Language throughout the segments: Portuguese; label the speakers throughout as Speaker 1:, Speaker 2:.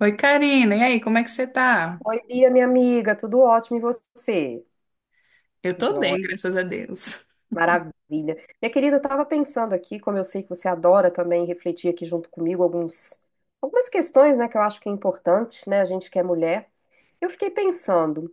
Speaker 1: Oi, Karina. E aí, como é que você tá?
Speaker 2: Oi, Bia, minha amiga, tudo ótimo e você?
Speaker 1: Eu tô bem,
Speaker 2: Joia,
Speaker 1: graças a Deus.
Speaker 2: maravilha. Minha querida, eu estava pensando aqui, como eu sei que você adora também refletir aqui junto comigo algumas questões, né, que eu acho que é importante, né, a gente que é mulher. Eu fiquei pensando,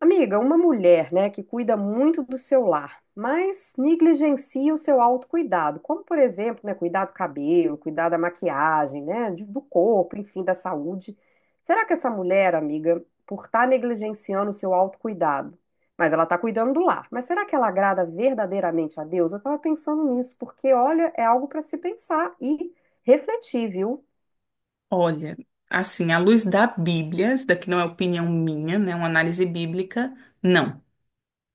Speaker 2: amiga, uma mulher, né, que cuida muito do seu lar, mas negligencia o seu autocuidado, como por exemplo, né, cuidar do cabelo, cuidar da maquiagem, né, do corpo, enfim, da saúde. Será que essa mulher, amiga, por estar negligenciando o seu autocuidado, mas ela está cuidando do lar, mas será que ela agrada verdadeiramente a Deus? Eu estava pensando nisso, porque olha, é algo para se pensar e refletir, viu?
Speaker 1: Olha, assim, à luz da Bíblia, isso daqui não é opinião minha, né? Uma análise bíblica, não.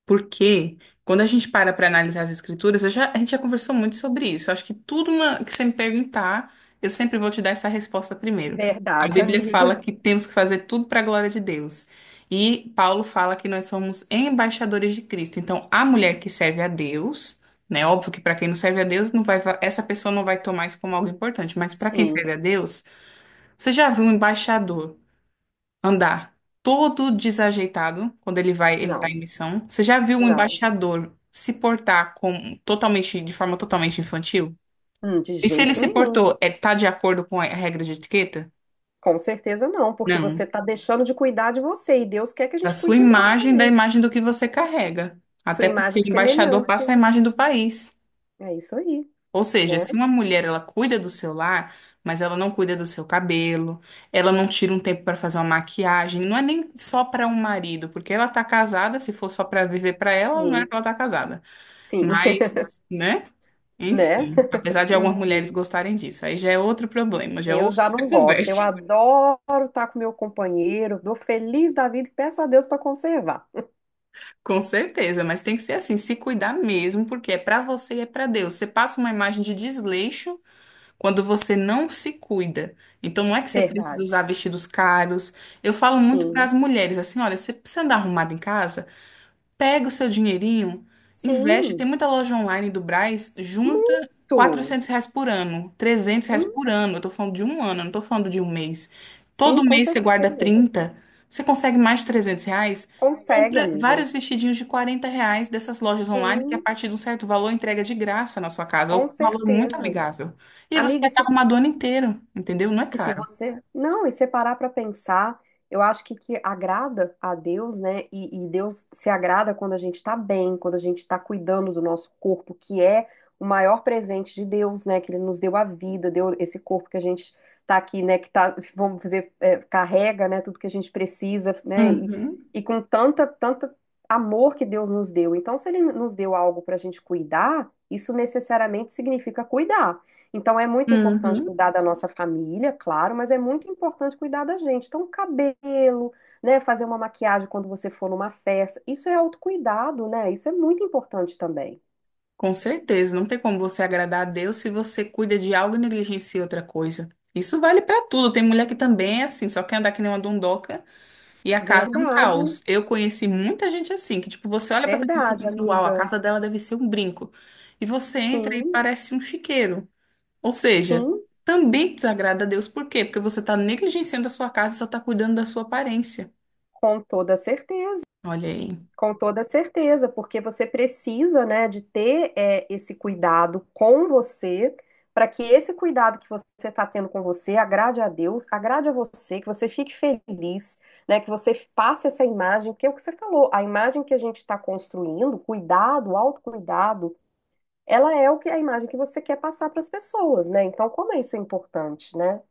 Speaker 1: Porque quando a gente para para analisar as escrituras, a gente já conversou muito sobre isso. Eu acho que que você me perguntar, eu sempre vou te dar essa resposta primeiro. A
Speaker 2: Verdade,
Speaker 1: Bíblia fala
Speaker 2: amiga.
Speaker 1: que temos que fazer tudo para a glória de Deus. E Paulo fala que nós somos embaixadores de Cristo. Então, a mulher que serve a Deus, né? Óbvio que para quem não serve a Deus, não vai, essa pessoa não vai tomar isso como algo importante, mas para quem
Speaker 2: Sim.
Speaker 1: serve a Deus, você já viu um embaixador andar todo desajeitado quando ele vai, ele tá
Speaker 2: Não,
Speaker 1: em missão? Você já viu um
Speaker 2: não.
Speaker 1: embaixador se portar de forma totalmente infantil?
Speaker 2: De
Speaker 1: E se ele
Speaker 2: jeito
Speaker 1: se
Speaker 2: nenhum.
Speaker 1: portou, tá de acordo com a regra de etiqueta?
Speaker 2: Com certeza não, porque você
Speaker 1: Não.
Speaker 2: está deixando de cuidar de você e Deus quer que a
Speaker 1: Da
Speaker 2: gente
Speaker 1: sua
Speaker 2: cuide de nós
Speaker 1: imagem, da
Speaker 2: também.
Speaker 1: imagem do que você carrega.
Speaker 2: Sua
Speaker 1: Até porque
Speaker 2: imagem e
Speaker 1: o embaixador passa a
Speaker 2: semelhança.
Speaker 1: imagem do país.
Speaker 2: É isso aí,
Speaker 1: Ou seja,
Speaker 2: né?
Speaker 1: se uma mulher ela cuida do seu lar, mas ela não cuida do seu cabelo, ela não tira um tempo para fazer uma maquiagem, não é nem só para um marido, porque ela tá casada, se for só para viver para ela, não é
Speaker 2: Sim,
Speaker 1: que ela tá casada.
Speaker 2: sim,
Speaker 1: Mas, né?
Speaker 2: né?
Speaker 1: Enfim, apesar de algumas mulheres
Speaker 2: Enfim,
Speaker 1: gostarem disso, aí já é outro problema, já é
Speaker 2: eu
Speaker 1: outra
Speaker 2: já não gosto. Eu
Speaker 1: conversa.
Speaker 2: adoro estar com meu companheiro, dou feliz da vida e peço a Deus para conservar.
Speaker 1: Com certeza, mas tem que ser assim, se cuidar mesmo, porque é para você e é para Deus. Você passa uma imagem de desleixo quando você não se cuida. Então não é que você precisa usar
Speaker 2: Verdade.
Speaker 1: vestidos caros. Eu falo muito para
Speaker 2: Sim,
Speaker 1: as mulheres assim, olha, você precisa andar arrumada em casa? Pega o seu dinheirinho, investe. Tem
Speaker 2: sim,
Speaker 1: muita loja online do Brás, junta
Speaker 2: muito.
Speaker 1: 400 reais por ano, 300 reais
Speaker 2: Sim,
Speaker 1: por ano. Eu tô falando de um ano, eu não tô falando de um mês.
Speaker 2: sim,
Speaker 1: Todo
Speaker 2: com
Speaker 1: mês você guarda
Speaker 2: certeza.
Speaker 1: 30, você consegue mais de 300 reais.
Speaker 2: Consegue,
Speaker 1: Compra
Speaker 2: amiga.
Speaker 1: vários vestidinhos de 40 reais dessas lojas online, que a
Speaker 2: Sim,
Speaker 1: partir de um certo valor entrega de graça na sua casa, ou
Speaker 2: com
Speaker 1: com um valor muito
Speaker 2: certeza.
Speaker 1: amigável. E aí você vai
Speaker 2: Amiga,
Speaker 1: estar
Speaker 2: se,
Speaker 1: arrumado o ano inteiro, entendeu? Não é
Speaker 2: e se
Speaker 1: caro.
Speaker 2: você, não, e você parar para pensar, eu acho que agrada a Deus, né? E Deus se agrada quando a gente tá bem, quando a gente tá cuidando do nosso corpo, que é o maior presente de Deus, né? Que Ele nos deu a vida, deu esse corpo que a gente tá aqui, né? Que tá, vamos dizer, carrega, né? Tudo que a gente precisa, né? E,
Speaker 1: Uhum,
Speaker 2: e com tanta, tanta amor que Deus nos deu. Então, se Ele nos deu algo pra gente cuidar, isso necessariamente significa cuidar. Então, é muito importante
Speaker 1: uhum.
Speaker 2: cuidar da nossa família, claro, mas é muito importante cuidar da gente. Então, cabelo, né? Fazer uma maquiagem quando você for numa festa. Isso é autocuidado, né? Isso é muito importante também.
Speaker 1: Com certeza, não tem como você agradar a Deus se você cuida de algo e negligencia outra coisa. Isso vale pra tudo. Tem mulher que também é assim, só quer andar que nem uma dondoca e a casa é um
Speaker 2: Verdade,
Speaker 1: caos. Eu conheci muita gente assim, que tipo, você olha pra pessoa e
Speaker 2: verdade,
Speaker 1: pensa, uau, a
Speaker 2: amiga.
Speaker 1: casa dela deve ser um brinco. E você entra e
Speaker 2: Sim,
Speaker 1: parece um chiqueiro. Ou seja,
Speaker 2: sim,
Speaker 1: também desagrada a Deus. Por quê? Porque você tá negligenciando a sua casa e só tá cuidando da sua aparência.
Speaker 2: com toda certeza.
Speaker 1: Olha aí.
Speaker 2: Com toda certeza, porque você precisa, né, de ter esse cuidado com você, para que esse cuidado que você está tendo com você agrade a Deus, agrade a você, que você fique feliz, né, que você passe essa imagem, porque é o que você falou, a imagem que a gente está construindo, cuidado, autocuidado, ela é o que a imagem que você quer passar para as pessoas, né? Então, como é isso é importante, né?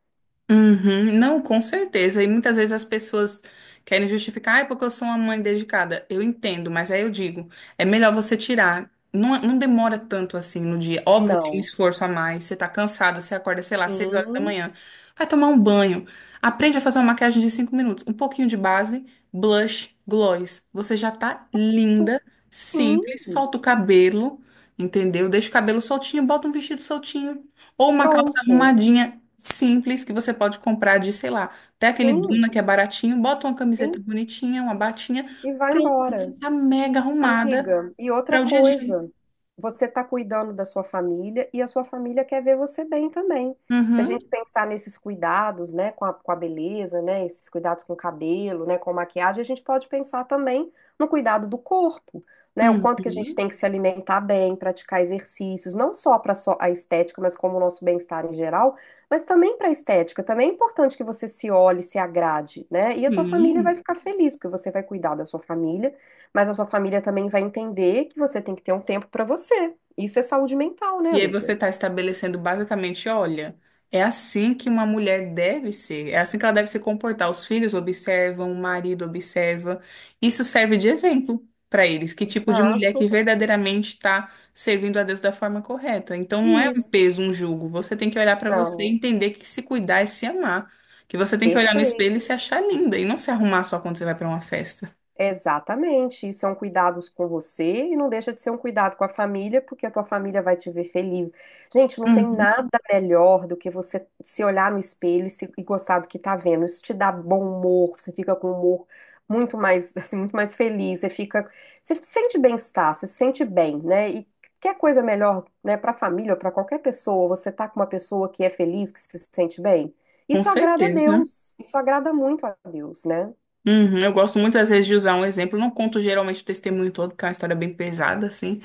Speaker 1: Uhum, não, com certeza. E muitas vezes as pessoas querem justificar, ah, é porque eu sou uma mãe dedicada. Eu entendo, mas aí eu digo, é melhor você tirar. Não, não demora tanto assim no dia. Óbvio que é um
Speaker 2: Não.
Speaker 1: esforço a mais. Você tá cansada, você acorda, sei lá, seis horas da
Speaker 2: Sim,
Speaker 1: manhã. Vai tomar um banho. Aprende a fazer uma maquiagem de 5 minutos. Um pouquinho de base, blush, gloss. Você já tá linda,
Speaker 2: sim,
Speaker 1: simples. Solta o cabelo, entendeu? Deixa o cabelo soltinho, bota um vestido soltinho. Ou uma calça
Speaker 2: pronto.
Speaker 1: arrumadinha simples que você pode comprar de, sei lá, até aquele
Speaker 2: Sim,
Speaker 1: Duna que é baratinho, bota uma camiseta
Speaker 2: sim,
Speaker 1: bonitinha, uma batinha,
Speaker 2: e vai
Speaker 1: pronto, você
Speaker 2: embora.
Speaker 1: tá mega arrumada
Speaker 2: Amiga, e outra
Speaker 1: para o dia a dia.
Speaker 2: coisa, você está cuidando da sua família e a sua família quer ver você bem também. Se a
Speaker 1: Uhum.
Speaker 2: gente pensar nesses cuidados, né, com a beleza, né, esses cuidados com o cabelo, né, com a maquiagem, a gente pode pensar também no cuidado do corpo, né, o quanto que a gente
Speaker 1: Uhum.
Speaker 2: tem que se alimentar bem, praticar exercícios, não só para a estética, mas como o nosso bem-estar em geral, mas também para a estética. Também é importante que você se olhe, se agrade, né, e a tua família vai
Speaker 1: Sim.
Speaker 2: ficar feliz, porque você vai cuidar da sua família mas a sua família também vai entender que você tem que ter um tempo para você. Isso é saúde mental, né,
Speaker 1: E aí você
Speaker 2: amiga?
Speaker 1: está estabelecendo basicamente, olha, é assim que uma mulher deve ser, é assim que ela deve se comportar. Os filhos observam, o marido observa. Isso serve de exemplo para eles, que tipo de mulher que
Speaker 2: Exato.
Speaker 1: verdadeiramente está servindo a Deus da forma correta. Então não é um
Speaker 2: Isso.
Speaker 1: peso, um jugo. Você tem que olhar para você e
Speaker 2: Não,
Speaker 1: entender que se cuidar e se amar. Que você tem que olhar no espelho e se
Speaker 2: perfeito.
Speaker 1: achar linda e não se arrumar só quando você vai para uma festa.
Speaker 2: Exatamente, isso é um cuidado com você e não deixa de ser um cuidado com a família, porque a tua família vai te ver feliz. Gente, não tem
Speaker 1: Uhum.
Speaker 2: nada melhor do que você se olhar no espelho e, e gostar do que tá vendo. Isso te dá bom humor, você fica com humor muito mais, assim, muito mais feliz, você fica, você sente bem-estar, você se sente bem, né? E quer coisa melhor, né, para a família ou para qualquer pessoa, você tá com uma pessoa que é feliz, que se sente bem.
Speaker 1: Com
Speaker 2: Isso agrada a
Speaker 1: certeza.
Speaker 2: Deus, isso agrada muito a Deus, né?
Speaker 1: Uhum, eu gosto muitas vezes de usar um exemplo. Eu não conto geralmente o testemunho todo, porque é uma história bem pesada, assim.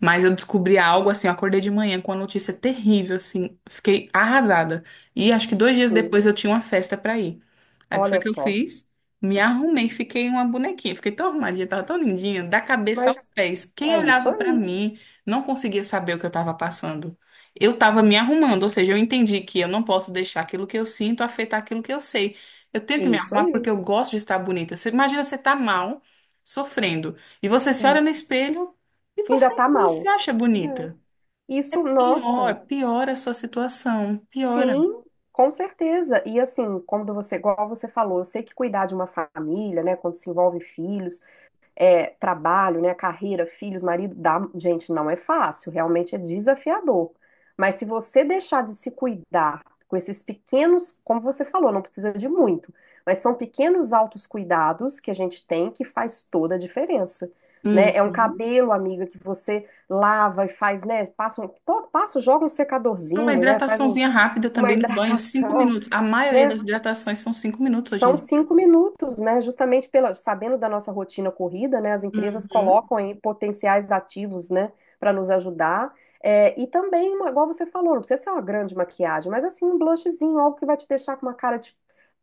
Speaker 1: Mas eu descobri algo assim, eu acordei de manhã com uma notícia terrível, assim, fiquei arrasada. E acho que 2 dias
Speaker 2: Sim,
Speaker 1: depois eu tinha uma festa pra ir. Aí o que foi
Speaker 2: olha
Speaker 1: que eu
Speaker 2: só.
Speaker 1: fiz? Me arrumei, fiquei uma bonequinha, fiquei tão arrumadinha, tava tão lindinha, da cabeça aos
Speaker 2: Mas
Speaker 1: pés. Quem
Speaker 2: é isso
Speaker 1: olhava pra
Speaker 2: aí.
Speaker 1: mim não conseguia saber o que eu tava passando. Eu tava me arrumando, ou seja, eu entendi que eu não posso deixar aquilo que eu sinto afetar aquilo que eu sei. Eu tenho
Speaker 2: É
Speaker 1: que me
Speaker 2: isso
Speaker 1: arrumar porque
Speaker 2: aí.
Speaker 1: eu gosto de estar bonita. Você imagina você tá mal, sofrendo, e você
Speaker 2: É
Speaker 1: se olha no
Speaker 2: isso.
Speaker 1: espelho. E
Speaker 2: Ainda
Speaker 1: você
Speaker 2: tá
Speaker 1: não se
Speaker 2: mal.
Speaker 1: acha
Speaker 2: É.
Speaker 1: bonita? É
Speaker 2: Isso, nossa.
Speaker 1: pior, piora a sua situação, piora.
Speaker 2: Sim, com certeza. E assim, quando você, igual você falou, eu sei que cuidar de uma família, né, quando se envolve filhos, trabalho, né, carreira, filhos, marido, dá, gente, não é fácil, realmente é desafiador. Mas se você deixar de se cuidar com esses pequenos, como você falou, não precisa de muito, mas são pequenos altos cuidados que a gente tem que faz toda a diferença. Né? É um
Speaker 1: Uhum.
Speaker 2: cabelo, amiga, que você lava e faz, né? Passa, joga um
Speaker 1: Uma
Speaker 2: secadorzinho, né? Faz
Speaker 1: hidrataçãozinha rápida
Speaker 2: uma
Speaker 1: também no banho, cinco
Speaker 2: hidratação,
Speaker 1: minutos. A maioria
Speaker 2: né?
Speaker 1: das hidratações são 5 minutos hoje em
Speaker 2: São
Speaker 1: dia.
Speaker 2: 5 minutos, né? Justamente sabendo da nossa rotina corrida, né? As empresas
Speaker 1: Uhum.
Speaker 2: colocam aí potenciais ativos, né? Para nos ajudar. É, e também, igual você falou, não precisa ser uma grande maquiagem, mas assim, um blushzinho, algo que vai te deixar com uma cara de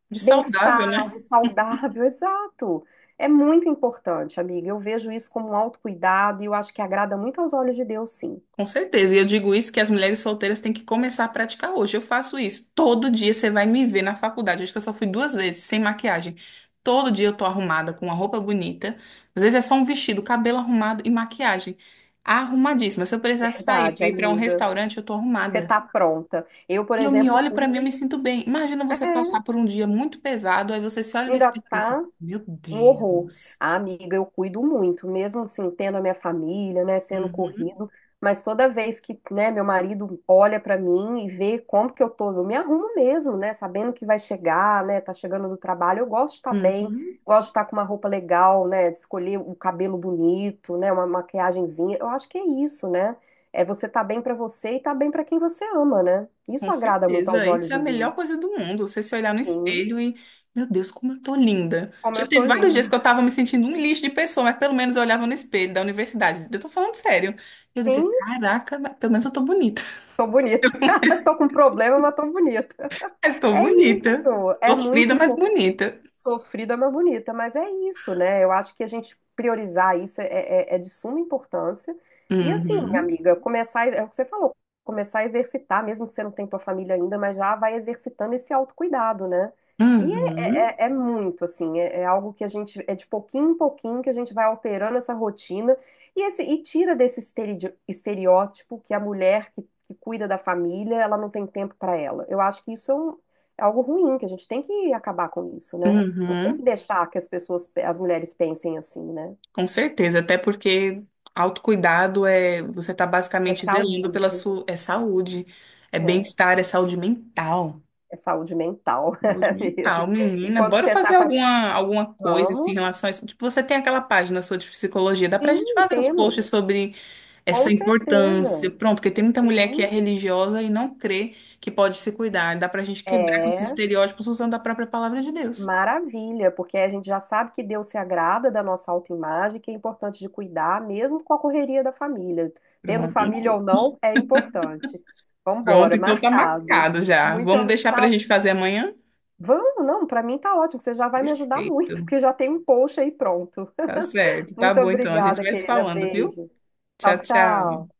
Speaker 1: De saudável,
Speaker 2: bem-estar,
Speaker 1: né?
Speaker 2: de saudável, exato. É muito importante, amiga. Eu vejo isso como um autocuidado e eu acho que agrada muito aos olhos de Deus, sim.
Speaker 1: Com certeza. E eu digo isso que as mulheres solteiras têm que começar a praticar hoje. Eu faço isso. Todo dia você vai me ver na faculdade. Acho que eu só fui duas vezes, sem maquiagem. Todo dia eu tô arrumada, com uma roupa bonita. Às vezes é só um vestido, cabelo arrumado e maquiagem. Arrumadíssima. Se eu precisar sair
Speaker 2: Verdade,
Speaker 1: pra ir pra um
Speaker 2: amiga.
Speaker 1: restaurante, eu tô
Speaker 2: Você
Speaker 1: arrumada.
Speaker 2: tá pronta. Eu, por
Speaker 1: E eu me
Speaker 2: exemplo,
Speaker 1: olho pra mim, eu
Speaker 2: cuido.
Speaker 1: me sinto bem. Imagina você passar
Speaker 2: É,
Speaker 1: por um dia muito pesado, aí você se olha no
Speaker 2: ainda
Speaker 1: espelho e pensa,
Speaker 2: tá.
Speaker 1: meu
Speaker 2: Um horror.
Speaker 1: Deus.
Speaker 2: Ah, amiga, eu cuido muito, mesmo assim, tendo a minha família, né, sendo
Speaker 1: Uhum,
Speaker 2: corrido, mas toda vez que, né, meu marido olha pra mim e vê como que eu tô, eu me arrumo mesmo, né, sabendo que vai chegar, né, tá chegando do trabalho, eu gosto de estar bem,
Speaker 1: uhum.
Speaker 2: gosto de estar com uma roupa legal, né, de escolher o cabelo bonito, né, uma maquiagenzinha. Eu acho que é isso, né? É você tá bem pra você e tá bem pra quem você ama, né? Isso
Speaker 1: Com
Speaker 2: agrada muito aos
Speaker 1: certeza,
Speaker 2: olhos
Speaker 1: isso é a
Speaker 2: de
Speaker 1: melhor
Speaker 2: Deus.
Speaker 1: coisa do mundo. Você se olhar no
Speaker 2: Sim,
Speaker 1: espelho e, meu Deus, como eu tô linda.
Speaker 2: como
Speaker 1: Já
Speaker 2: eu tô
Speaker 1: teve vários dias que
Speaker 2: linda.
Speaker 1: eu tava me sentindo um lixo de pessoa, mas pelo menos eu olhava no espelho da universidade. Eu tô falando sério. Eu dizia,
Speaker 2: Sim,
Speaker 1: caraca, mas pelo menos eu tô bonita.
Speaker 2: tô bonita. Tô com problema, mas tô bonita.
Speaker 1: Mas tô
Speaker 2: É isso.
Speaker 1: bonita.
Speaker 2: É
Speaker 1: Sofrida,
Speaker 2: muito
Speaker 1: mas
Speaker 2: importante.
Speaker 1: bonita.
Speaker 2: Sofrida, mas bonita, mas é isso, né? Eu acho que a gente priorizar isso é de suma importância. E assim,
Speaker 1: Uhum,
Speaker 2: amiga, começar, é o que você falou, começar a exercitar, mesmo que você não tenha tua família ainda, mas já vai exercitando esse autocuidado, né? E é,
Speaker 1: uhum,
Speaker 2: é- é é muito, assim, é algo que a gente, é de pouquinho em pouquinho que a gente vai alterando essa rotina e tira desse estereótipo que a mulher que cuida da família, ela não tem tempo para ela. Eu acho que isso é é algo ruim, que a gente tem que acabar com isso, né? Não tem que
Speaker 1: uhum.
Speaker 2: deixar que as pessoas, as mulheres pensem assim, né?
Speaker 1: Com certeza, até porque autocuidado é você tá
Speaker 2: É
Speaker 1: basicamente
Speaker 2: saúde,
Speaker 1: zelando pela sua saúde, é
Speaker 2: é,
Speaker 1: bem-estar, é saúde mental.
Speaker 2: é saúde mental
Speaker 1: Saúde
Speaker 2: é mesmo.
Speaker 1: mental,
Speaker 2: E
Speaker 1: menina,
Speaker 2: quando
Speaker 1: bora
Speaker 2: você
Speaker 1: fazer
Speaker 2: tá com as,
Speaker 1: alguma coisa assim, em
Speaker 2: vamos?
Speaker 1: relação a isso. Tipo, você tem aquela página sua de psicologia, dá pra
Speaker 2: Sim,
Speaker 1: gente fazer uns posts
Speaker 2: temos,
Speaker 1: sobre
Speaker 2: com
Speaker 1: essa importância.
Speaker 2: certeza.
Speaker 1: Pronto, porque tem muita mulher que é
Speaker 2: Sim,
Speaker 1: religiosa e não crê que pode se cuidar. Dá pra gente quebrar com esses
Speaker 2: é
Speaker 1: estereótipos usando a própria palavra de Deus.
Speaker 2: maravilha, porque a gente já sabe que Deus se agrada da nossa autoimagem, que é importante de cuidar, mesmo com a correria da família. Tendo
Speaker 1: Pronto,
Speaker 2: família ou não, é importante.
Speaker 1: pronto,
Speaker 2: Vambora,
Speaker 1: então tá
Speaker 2: marcado.
Speaker 1: marcado já.
Speaker 2: Muito,
Speaker 1: Vamos deixar pra
Speaker 2: tá.
Speaker 1: gente fazer amanhã?
Speaker 2: Vamos, não, para mim tá ótimo, você já vai me ajudar muito,
Speaker 1: Feito.
Speaker 2: porque já tem um post aí pronto.
Speaker 1: Tá certo, tá
Speaker 2: Muito
Speaker 1: bom então. A gente
Speaker 2: obrigada,
Speaker 1: vai se
Speaker 2: querida.
Speaker 1: falando, viu?
Speaker 2: Beijo.
Speaker 1: Tchau,
Speaker 2: Tchau,
Speaker 1: tchau.
Speaker 2: tchau.